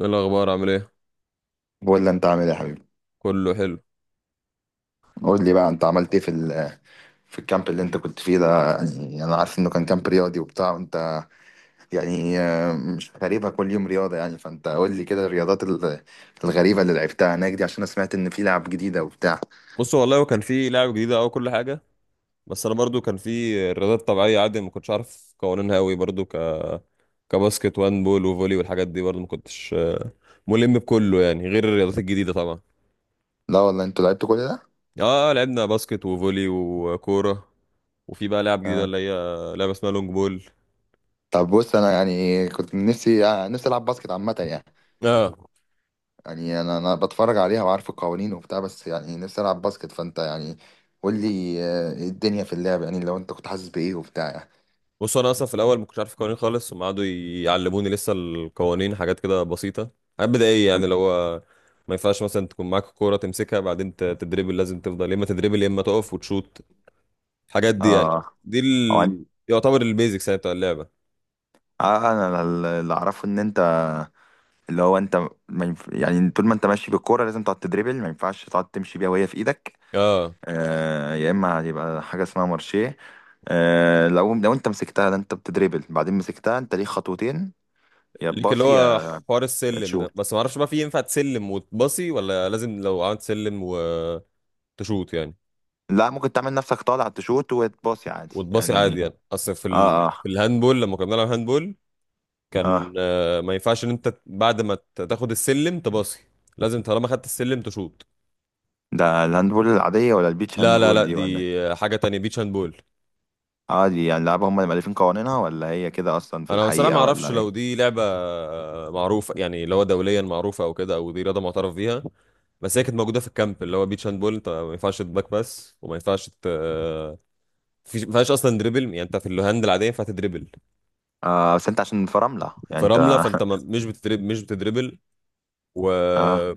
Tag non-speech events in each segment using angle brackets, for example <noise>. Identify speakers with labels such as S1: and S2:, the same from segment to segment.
S1: ايه الاخبار؟ عامل ايه؟
S2: قول لي انت عامل ايه يا حبيبي؟
S1: كله حلو.
S2: قول لي بقى انت عملت ايه في الكامب اللي انت كنت فيه ده. يعني انا عارف انه كان كامب رياضي وبتاع، وانت يعني مش غريبة كل يوم رياضة يعني، فانت قول لي كده الرياضات الغريبة اللي لعبتها هناك دي، عشان انا سمعت ان في لعب جديدة وبتاع.
S1: بص والله، وكان في لعبه جديده او كل حاجه، بس انا برضو كان في الرياضات الطبيعيه عادي، ما كنتش عارف قوانينها قوي برضو، كباسكت وان بول وفولي والحاجات دي. برضو ما كنتش ملم بكله يعني، غير الرياضات الجديده طبعا.
S2: لا والله، انتوا لعبتوا كل ده؟
S1: اه، لعبنا باسكت وفولي وكوره. وفي بقى لعب جديده،
S2: آه.
S1: اللي هي لعبه اسمها لونج بول.
S2: طب بص، انا يعني كنت نفسي العب باسكت عامة يعني.
S1: اه،
S2: يعني انا بتفرج عليها وعارف القوانين وبتاع، بس يعني نفسي العب باسكت، فانت يعني قول لي الدنيا في اللعب يعني، لو انت كنت حاسس بايه وبتاع يعني.
S1: بص، انا اصلا في الاول ما كنتش عارف قوانين خالص، هم قعدوا يعلموني لسه القوانين، حاجات كده بسيطه، حاجات بدائيه، يعني اللي هو ما ينفعش مثلا تكون معاك الكوره تمسكها بعدين تدريبل، لازم تفضل يا اما تدريبل يا اما تقف وتشوت، الحاجات دي يعني.
S2: اه. او انت.
S1: يعتبر البيزكس يعني بتاع اللعبه.
S2: آه، انا اللي اعرفه ان انت، اللي هو انت، ما ينف... يعني طول ما انت ماشي بالكوره لازم تقعد تدريبل، ما ينفعش تقعد تمشي بيها وهي في ايدك.
S1: اه،
S2: آه، يا اما هيبقى حاجه اسمها مارشيه. آه، لو انت مسكتها، ده انت بتدريبل، بعدين مسكتها انت ليك خطوتين، يا
S1: ليك اللي
S2: تباصي
S1: هو
S2: يا
S1: حوار
S2: يا
S1: السلم ده،
S2: تشوت.
S1: بس ما اعرفش بقى في ينفع تسلم وتباصي ولا لازم لو عملت سلم وتشوت؟ يعني
S2: لا، ممكن تعمل نفسك طالع تشوت وتباصي عادي
S1: وتباصي عادي
S2: يعني.
S1: يعني. اصل
S2: اه، اه،
S1: في الهاندبول لما كنا بنلعب هاندبول،
S2: اه.
S1: كان ما ينفعش ان انت بعد ما تاخد السلم تباصي، لازم طالما خدت السلم تشوط.
S2: ده الهاندبول العاديه ولا البيتش
S1: لا لا
S2: هاندبول
S1: لا،
S2: دي ولا
S1: دي
S2: إيه؟
S1: حاجة تانية، بيتش هاند بول.
S2: اه، دي يعني لعبه هم اللي مالفين قوانينها، ولا هي كده اصلا في
S1: انا بصراحة ما
S2: الحقيقه،
S1: اعرفش
S2: ولا
S1: لو
S2: ايه؟
S1: دي لعبة معروفة يعني، اللي هو دوليا معروفة او كده، او دي رياضة معترف بيها. بس هي كانت موجودة في الكامب، اللي هو بيتش هاند بول. انت ما ينفعش تباك بس، وما ينفعش ما ينفعش اصلا دريبل، يعني انت في الهاند العادية ينفع تدريبل،
S2: آه، بس انت عشان في رملة يعني
S1: في
S2: انت.
S1: رملة، فانت ما... مش بتدريبل، و
S2: اه.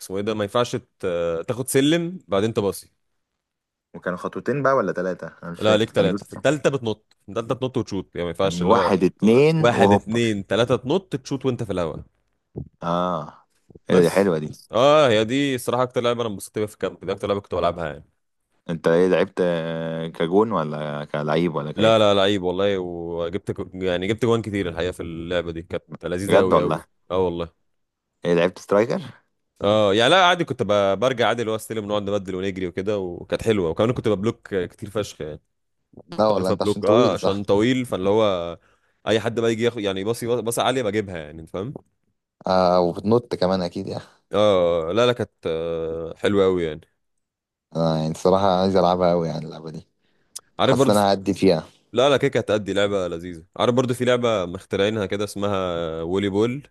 S1: اسمه ايه ده، ما ينفعش تاخد سلم بعدين تباصي.
S2: وكانوا خطوتين بقى ولا ثلاثة؟ انا مش
S1: لا، ليك
S2: فاكر، كان
S1: ثلاثة،
S2: لوس.
S1: في الثالثة بتنط، في الثالثة بتنط وتشوت يعني، ما ينفعش
S2: يعني
S1: اللي هو
S2: واحد، اتنين،
S1: واحد
S2: وهوبا.
S1: اتنين تلاتة تنط تشوت وانت في الهواء
S2: اه. ايه ده، دي
S1: بس.
S2: حلوة دي.
S1: اه، هي دي الصراحة أكتر لعبة أنا انبسطت بيها في الكامب، دي أكتر لعبة كنت بلعبها يعني.
S2: انت ايه لعبت، كجون ولا كلعيب ولا
S1: لا
S2: كايه؟
S1: لا، لعيب والله، وجبت يعني جبت جوان كتير الحقيقة، في اللعبة دي كانت لذيذة
S2: بجد
S1: أوي أوي.
S2: والله؟
S1: اه والله.
S2: ايه لعبت سترايكر؟
S1: اه، يعني لا، عادي، كنت برجع عادي، اللي هو استلم، نقعد نبدل ونجري وكده، وكانت حلوة، وكمان كنت ببلوك كتير فشخ يعني.
S2: لا
S1: كنت
S2: والله،
S1: عارف
S2: انت عشان
S1: ابلوك، اه،
S2: طويل صح.
S1: عشان طويل، فاللي هو اي حد بقى يجي ياخد يعني باصي باصي عالية بجيبها، يعني انت فاهم.
S2: آه، وبتنط كمان اكيد يعني.
S1: اه لا لا، كانت حلوه قوي يعني.
S2: انا يعني الصراحه عايز العبها قوي يعني اللعبه دي،
S1: عارف
S2: حاسس
S1: برضو،
S2: ان انا هعدي فيها.
S1: لا لا، كده كانت هتأدي لعبه لذيذه. عارف برضو في لعبه مخترعينها كده، اسمها وولي بول.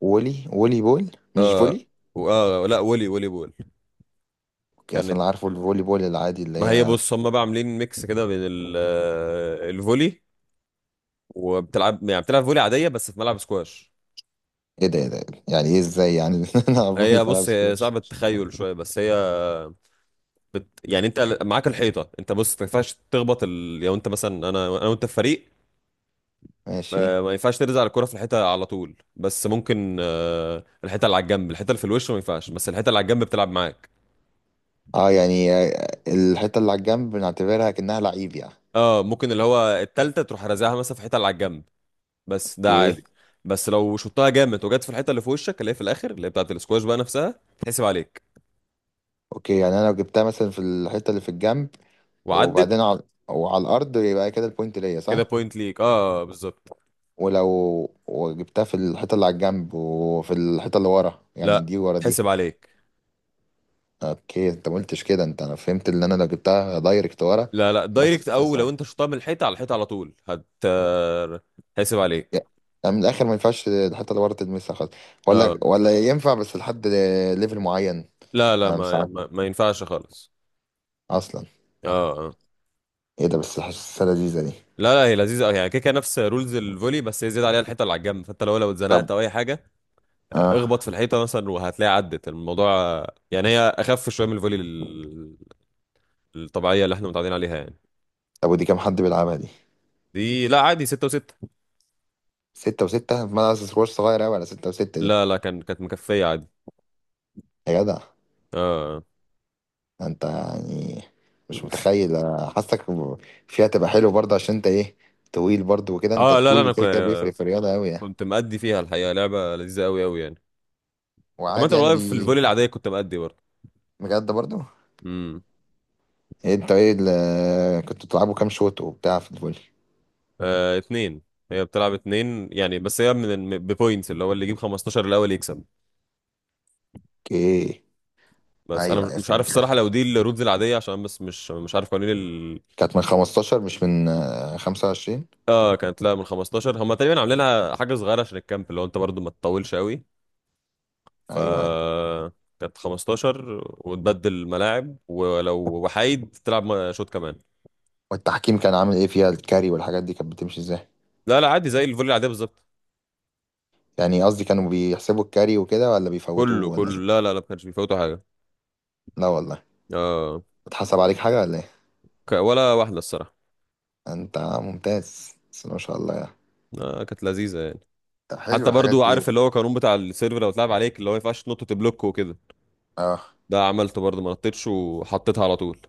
S2: وولي بول، مش
S1: اه
S2: فولي؟
S1: اه، لا، وولي وولي بول،
S2: اوكي، اصل
S1: كانت،
S2: انا عارفه الفولي بول العادي اللي
S1: ما هي
S2: هي.
S1: بص، هم بقى عاملين ميكس كده بين الفولي، وبتلعب يعني بتلعب فولي عاديه بس في ملعب سكواش.
S2: ايه ده، ايه ده، يعني ايه، ازاي يعني؟ <laughs> انا عبوني
S1: هي
S2: في ملعب
S1: بص، هي
S2: سكواش.
S1: صعبة التخيل شويه، بس هي يعني انت معاك الحيطه. انت بص، ما ينفعش تخبط لو انت مثلا، انا وانت في فريق،
S2: ماشي.
S1: ما ينفعش ترزع الكرة في الحيطة على طول، بس ممكن الحيطة اللي على الجنب، الحيطة اللي في الوش ما ينفعش، بس الحيطة اللي على الجنب بتلعب معاك.
S2: اه، يعني الحته اللي على الجنب بنعتبرها كأنها لعيب يعني.
S1: اه، ممكن اللي هو التالتة تروح رازعها مثلا في الحيطة اللي على الجنب، بس ده
S2: اوكي.
S1: عادي. بس لو شطها جامد وجت في الحيطة اللي في وشك، اللي هي في الآخر، اللي هي بتاعة الاسكواش بقى نفسها، تحسب عليك.
S2: اوكي، يعني انا لو جبتها مثلا في الحته اللي في الجنب
S1: وعدت.
S2: وبعدين على، وعلى الارض، يبقى كده البوينت ليا
S1: كده
S2: صح؟
S1: بوينت ليك، اه بالظبط.
S2: ولو وجبتها في الحته اللي على الجنب وفي الحته اللي ورا، يعني
S1: لا،
S2: دي ورا دي.
S1: تحسب عليك.
S2: اوكي، انت ما قلتش كده، انت انا فهمت ان انا لو جبتها دايركت ورا.
S1: لا لا،
S2: بس
S1: دايركت، او لو انت شطها من الحيطة على الحيطة على طول هت آه، هتحسب عليك.
S2: يعني من الاخر، ما ينفعش الحته اللي ورا تلمسها خالص، ولا
S1: اه
S2: ولا ينفع بس لحد ليفل معين؟
S1: لا لا،
S2: انا مش
S1: ما
S2: عارف
S1: ما, ما ينفعش خالص.
S2: اصلا.
S1: اه. آه.
S2: ايه ده، بس حاسسها لذيذه دي.
S1: لا لا، هي لذيذه أوي. يعني كده كده نفس رولز الفولي، بس هي زياده عليها الحيطه اللي على الجنب، فانت لو
S2: طب.
S1: اتزنقت او اي حاجه
S2: اه.
S1: اخبط في الحيطه مثلا وهتلاقي عدت الموضوع. يعني هي اخف شويه من الفولي الطبيعيه اللي احنا متعودين عليها يعني.
S2: طب، ودي كام حد بيلعبها دي؟
S1: دي لا عادي، ستة وستة.
S2: ستة وستة؟ ما انا سكوش صغير اوي على ستة وستة دي.
S1: لا لا، كانت مكفيه عادي.
S2: يا جدع.
S1: اه
S2: انت يعني مش متخيل، أنا حاسك فيها تبقى حلو برضه، عشان انت ايه، طويل برضه، وكده انت
S1: اه، لا
S2: الطول
S1: لا،
S2: اللي
S1: انا
S2: كده كده بيفرق في الرياضه اوي يعني.
S1: كنت مأدي فيها الحقيقه، لعبه لذيذه قوي قوي يعني. عامه
S2: وعادي يعني
S1: والله، في الفولي العاديه كنت مأدي برضه.
S2: بجد برضه؟
S1: امم
S2: إيه انت ايه اللي كنت بتلعبوا، كام شوط وبتاع في الفولي؟
S1: آه، اتنين. هي بتلعب اتنين يعني، بس هي من بوينتس، اللي هو اللي يجيب 15 الاول يكسب.
S2: اوكي.
S1: بس انا
S2: ايوه،
S1: مش
S2: ايوه
S1: مش عارف
S2: فهمت.
S1: الصراحه لو دي الرودز العاديه، عشان بس مش عارف قوانين
S2: كانت من 15 مش من 25؟
S1: اه كانت، لا، من 15. هم تقريبا عاملينها حاجه صغيره عشان الكامب، اللي هو انت برضو ما تطولش قوي، ف
S2: ايوه، ايوه.
S1: كانت 15، وتبدل ملاعب، ولو وحيد تلعب شوط كمان.
S2: والتحكيم كان عامل ايه فيها، الكاري والحاجات دي كانت بتمشي ازاي؟
S1: لا لا، عادي زي الفولي العاديه بالظبط.
S2: يعني قصدي كانوا بيحسبوا الكاري وكده، ولا بيفوتوه
S1: كله
S2: ولا ايه؟
S1: كله لا لا لا، ما كانش بيفوتوا حاجه.
S2: لا والله؟
S1: اه،
S2: اتحسب عليك حاجه ولا ايه؟
S1: ولا واحده الصراحه.
S2: انت ممتاز بس ما شاء الله يعني.
S1: آه، كانت لذيذه يعني.
S2: طب حلو
S1: حتى
S2: الحاجات
S1: برضو عارف
S2: دي.
S1: اللي هو القانون بتاع السيرفر، لو اتلعب عليك، اللي هو ما ينفعش تنط تبلوك وكده،
S2: اه،
S1: ده عملته برضو، ما نطيتش وحطيتها على طول.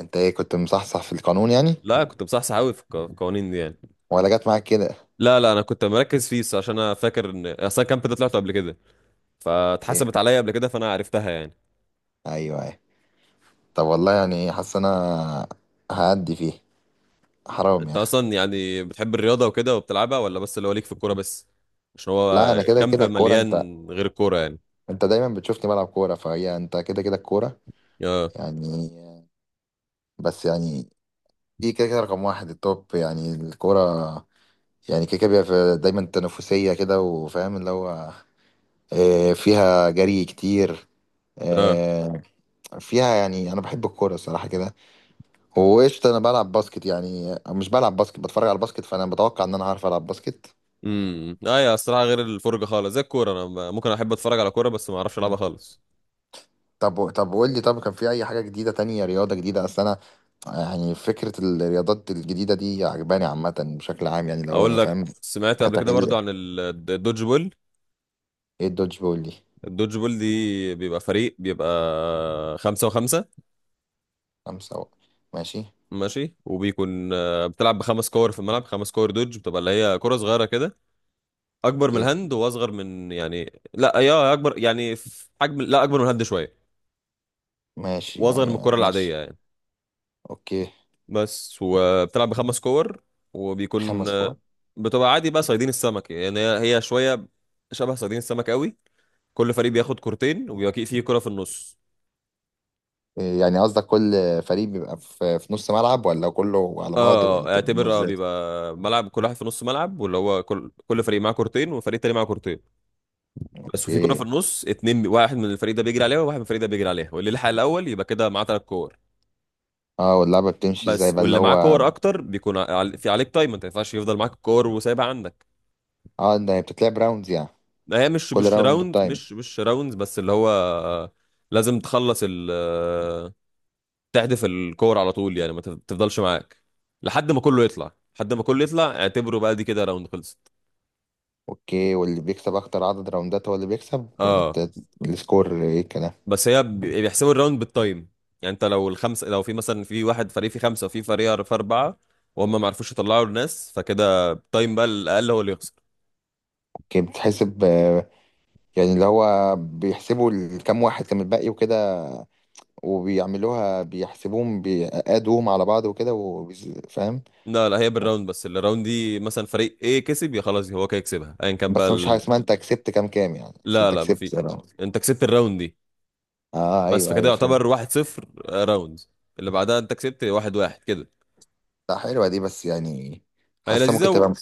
S2: انت ايه كنت مصحصح في القانون يعني،
S1: لا، كنت بصحصح قوي في في القوانين دي يعني.
S2: ولا جت معاك كده؟
S1: لا لا، انا كنت مركز فيه الصراحة، عشان انا فاكر ان اصلا الكامب ده طلعته قبل كده،
S2: اوكي.
S1: فاتحسبت عليا قبل كده فانا عرفتها يعني.
S2: ايوه، ايوه. طب والله، يعني حاسس انا هأدي فيه، حرام
S1: انت
S2: يعني.
S1: اصلا يعني بتحب الرياضه وكده وبتلعبها، ولا بس اللي هو ليك في الكوره بس؟ عشان هو
S2: لا، انا كده
S1: الكامب
S2: كده الكوره. انت،
S1: مليان غير الكوره يعني.
S2: انت دايما بتشوفني بلعب كوره، فهي انت كده كده الكوره
S1: اه.
S2: يعني. بس يعني دي كده كده رقم واحد التوب يعني الكوره. يعني كده كده بيبقى دايما تنافسيه كده، وفاهم اللي هو، فيها جري كتير،
S1: اه.
S2: آه، فيها يعني، انا بحب الكوره الصراحه كده. وقشطه، انا بلعب باسكت يعني، مش بلعب باسكت، بتفرج على الباسكت، فانا بتوقع ان انا هعرف العب باسكت.
S1: ايوه الصراحه، غير الفرجه خالص زي الكوره، انا ممكن احب اتفرج على كوره بس ما اعرفش العبها خالص.
S2: طب قول لي، طب كان في اي حاجه جديده تانية، رياضه جديده؟ اصل انا يعني فكره الرياضات الجديده دي عجباني عامه بشكل عام يعني اللي
S1: اقول
S2: هو،
S1: لك
S2: فاهم؟
S1: سمعت قبل كده برضو
S2: كتغيير.
S1: عن الدوج بول.
S2: ايه الدوج بول دي؟
S1: الدوج بول دي بيبقى فريق، بيبقى خمسة وخمسة.
S2: خمسه ماشي.
S1: ماشي، وبيكون بتلعب بخمس كور في الملعب. 5 كور دوج، بتبقى اللي هي كرة صغيرة كده، أكبر من
S2: اوكي
S1: الهاند وأصغر من يعني، لا يا أكبر يعني في حجم، لا أكبر من الهاند شوية
S2: ماشي،
S1: وأصغر من
S2: يعني
S1: الكرة العادية
S2: ماشي.
S1: يعني،
S2: اوكي.
S1: بس. وبتلعب بخمس كور، وبيكون
S2: خمس فوق.
S1: بتبقى عادي بقى صيادين السمك يعني، هي هي شوية شبه صيادين السمك قوي. كل فريق بياخد كورتين، وبيبقى فيه كرة في النص.
S2: إيه يعني، قصدك كل فريق بيبقى في نص ملعب، ولا كله على بعضه، ولا
S1: اه،
S2: بتبقى عاملة
S1: اعتبر، اه،
S2: ازاي؟
S1: بيبقى ملعب كل واحد في نص ملعب، واللي هو كل فريق معاه كورتين وفريق تاني معاه كورتين بس، وفي كوره في
S2: اوكي.
S1: النص اتنين. واحد من الفريق ده بيجري عليها، وواحد من الفريق ده بيجري عليها، واللي لحق الاول يبقى كده معاه 3 كور
S2: اه، واللعبه بتمشي ازاي
S1: بس.
S2: بقى اللي
S1: واللي معاه
S2: هو.
S1: كور اكتر بيكون في عليك تايم، انت ما ينفعش يفضل معاك الكور وسايبها عندك.
S2: اه، ده بتتلعب راوندز يعني؟
S1: ما هي مش
S2: كل
S1: مش
S2: راوند
S1: راوند،
S2: بتايم؟
S1: مش راوند، بس اللي هو لازم تخلص ال آه، تحدف الكور على طول يعني، ما تف- تفضلش معاك لحد ما كله يطلع، لحد ما كله يطلع، اعتبره بقى دي كده راوند خلصت.
S2: اوكي، واللي بيكسب اكتر عدد راوندات هو اللي بيكسب، ولا
S1: اه
S2: السكور، ايه الكلام؟
S1: بس، هي بيحسبوا الراوند بالتايم يعني. انت لو الخمسه، لو في مثلا في واحد فريق فيه خمسه وفي فريق في 4، وهم ما عرفوش يطلعوا الناس، فكده التايم بقى الاقل هو اللي يخسر.
S2: اوكي. بتحسب يعني اللي هو بيحسبوا كام واحد كان الباقي وكده، وبيعملوها بيحسبوهم بيقادوهم على بعض وكده، فاهم؟
S1: لا لا، هي بالراوند، بس الراوند دي مثلا فريق ايه كسب، يا خلاص هو كده يكسبها، ايا كان بقى
S2: بس مفيش حاجه اسمها انت كسبت كام كام يعني، بس
S1: لا
S2: انت
S1: لا، ما
S2: كسبت
S1: في.
S2: round.
S1: انت كسبت الراوند دي
S2: اه،
S1: بس،
S2: ايوه،
S1: فكده
S2: ايوه
S1: يعتبر
S2: فهمت.
S1: 1-0 راوند. اللي بعدها انت كسبت 1-1 كده.
S2: لا حلوه دي، بس يعني
S1: هي
S2: حاسه ممكن
S1: لذيذه،
S2: تبقى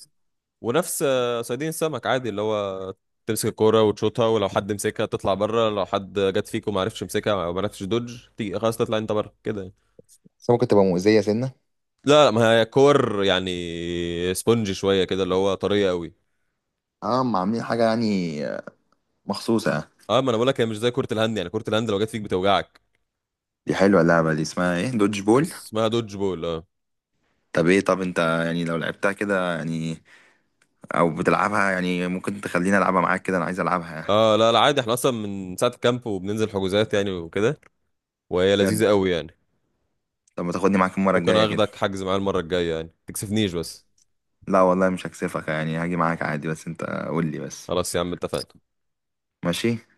S1: ونفس صيادين السمك عادي، اللي هو تمسك الكوره وتشوطها، ولو حد مسكها تطلع بره، لو حد جت فيك وما عرفش يمسكها او ما عرفش دوج تيجي، خلاص تطلع انت بره كده يعني.
S2: حاسه ممكن تبقى مؤذيه سنه.
S1: لا لا، ما هي كور يعني سبونج شويه كده، اللي هو طريه قوي.
S2: اه، ما عاملين حاجه يعني آه، مخصوصه؟
S1: اه، ما انا بقول لك، هي مش زي كره الهند يعني، كره الهند لو جت فيك بتوجعك.
S2: دي حلوه اللعبه دي، اسمها ايه، دودج بول؟
S1: اسمها دوج بول، اه.
S2: طب ايه، طب انت يعني لو لعبتها كده يعني، او بتلعبها يعني، ممكن تخليني العبها معاك كده، انا عايز العبها يعني.
S1: اه لا لا، عادي احنا اصلا من ساعه الكامب وبننزل حجوزات يعني وكده، وهي
S2: بجد؟
S1: لذيذه قوي يعني.
S2: طب ما تاخدني معاك المره
S1: ممكن
S2: الجايه كده.
S1: اخدك حجز معايا المره الجايه يعني، تكسفنيش بس.
S2: لا والله، مش هكسفك يعني، هاجي معاك عادي، بس انت قول لي بس.
S1: خلاص يا عم، اتفقنا.
S2: ماشي.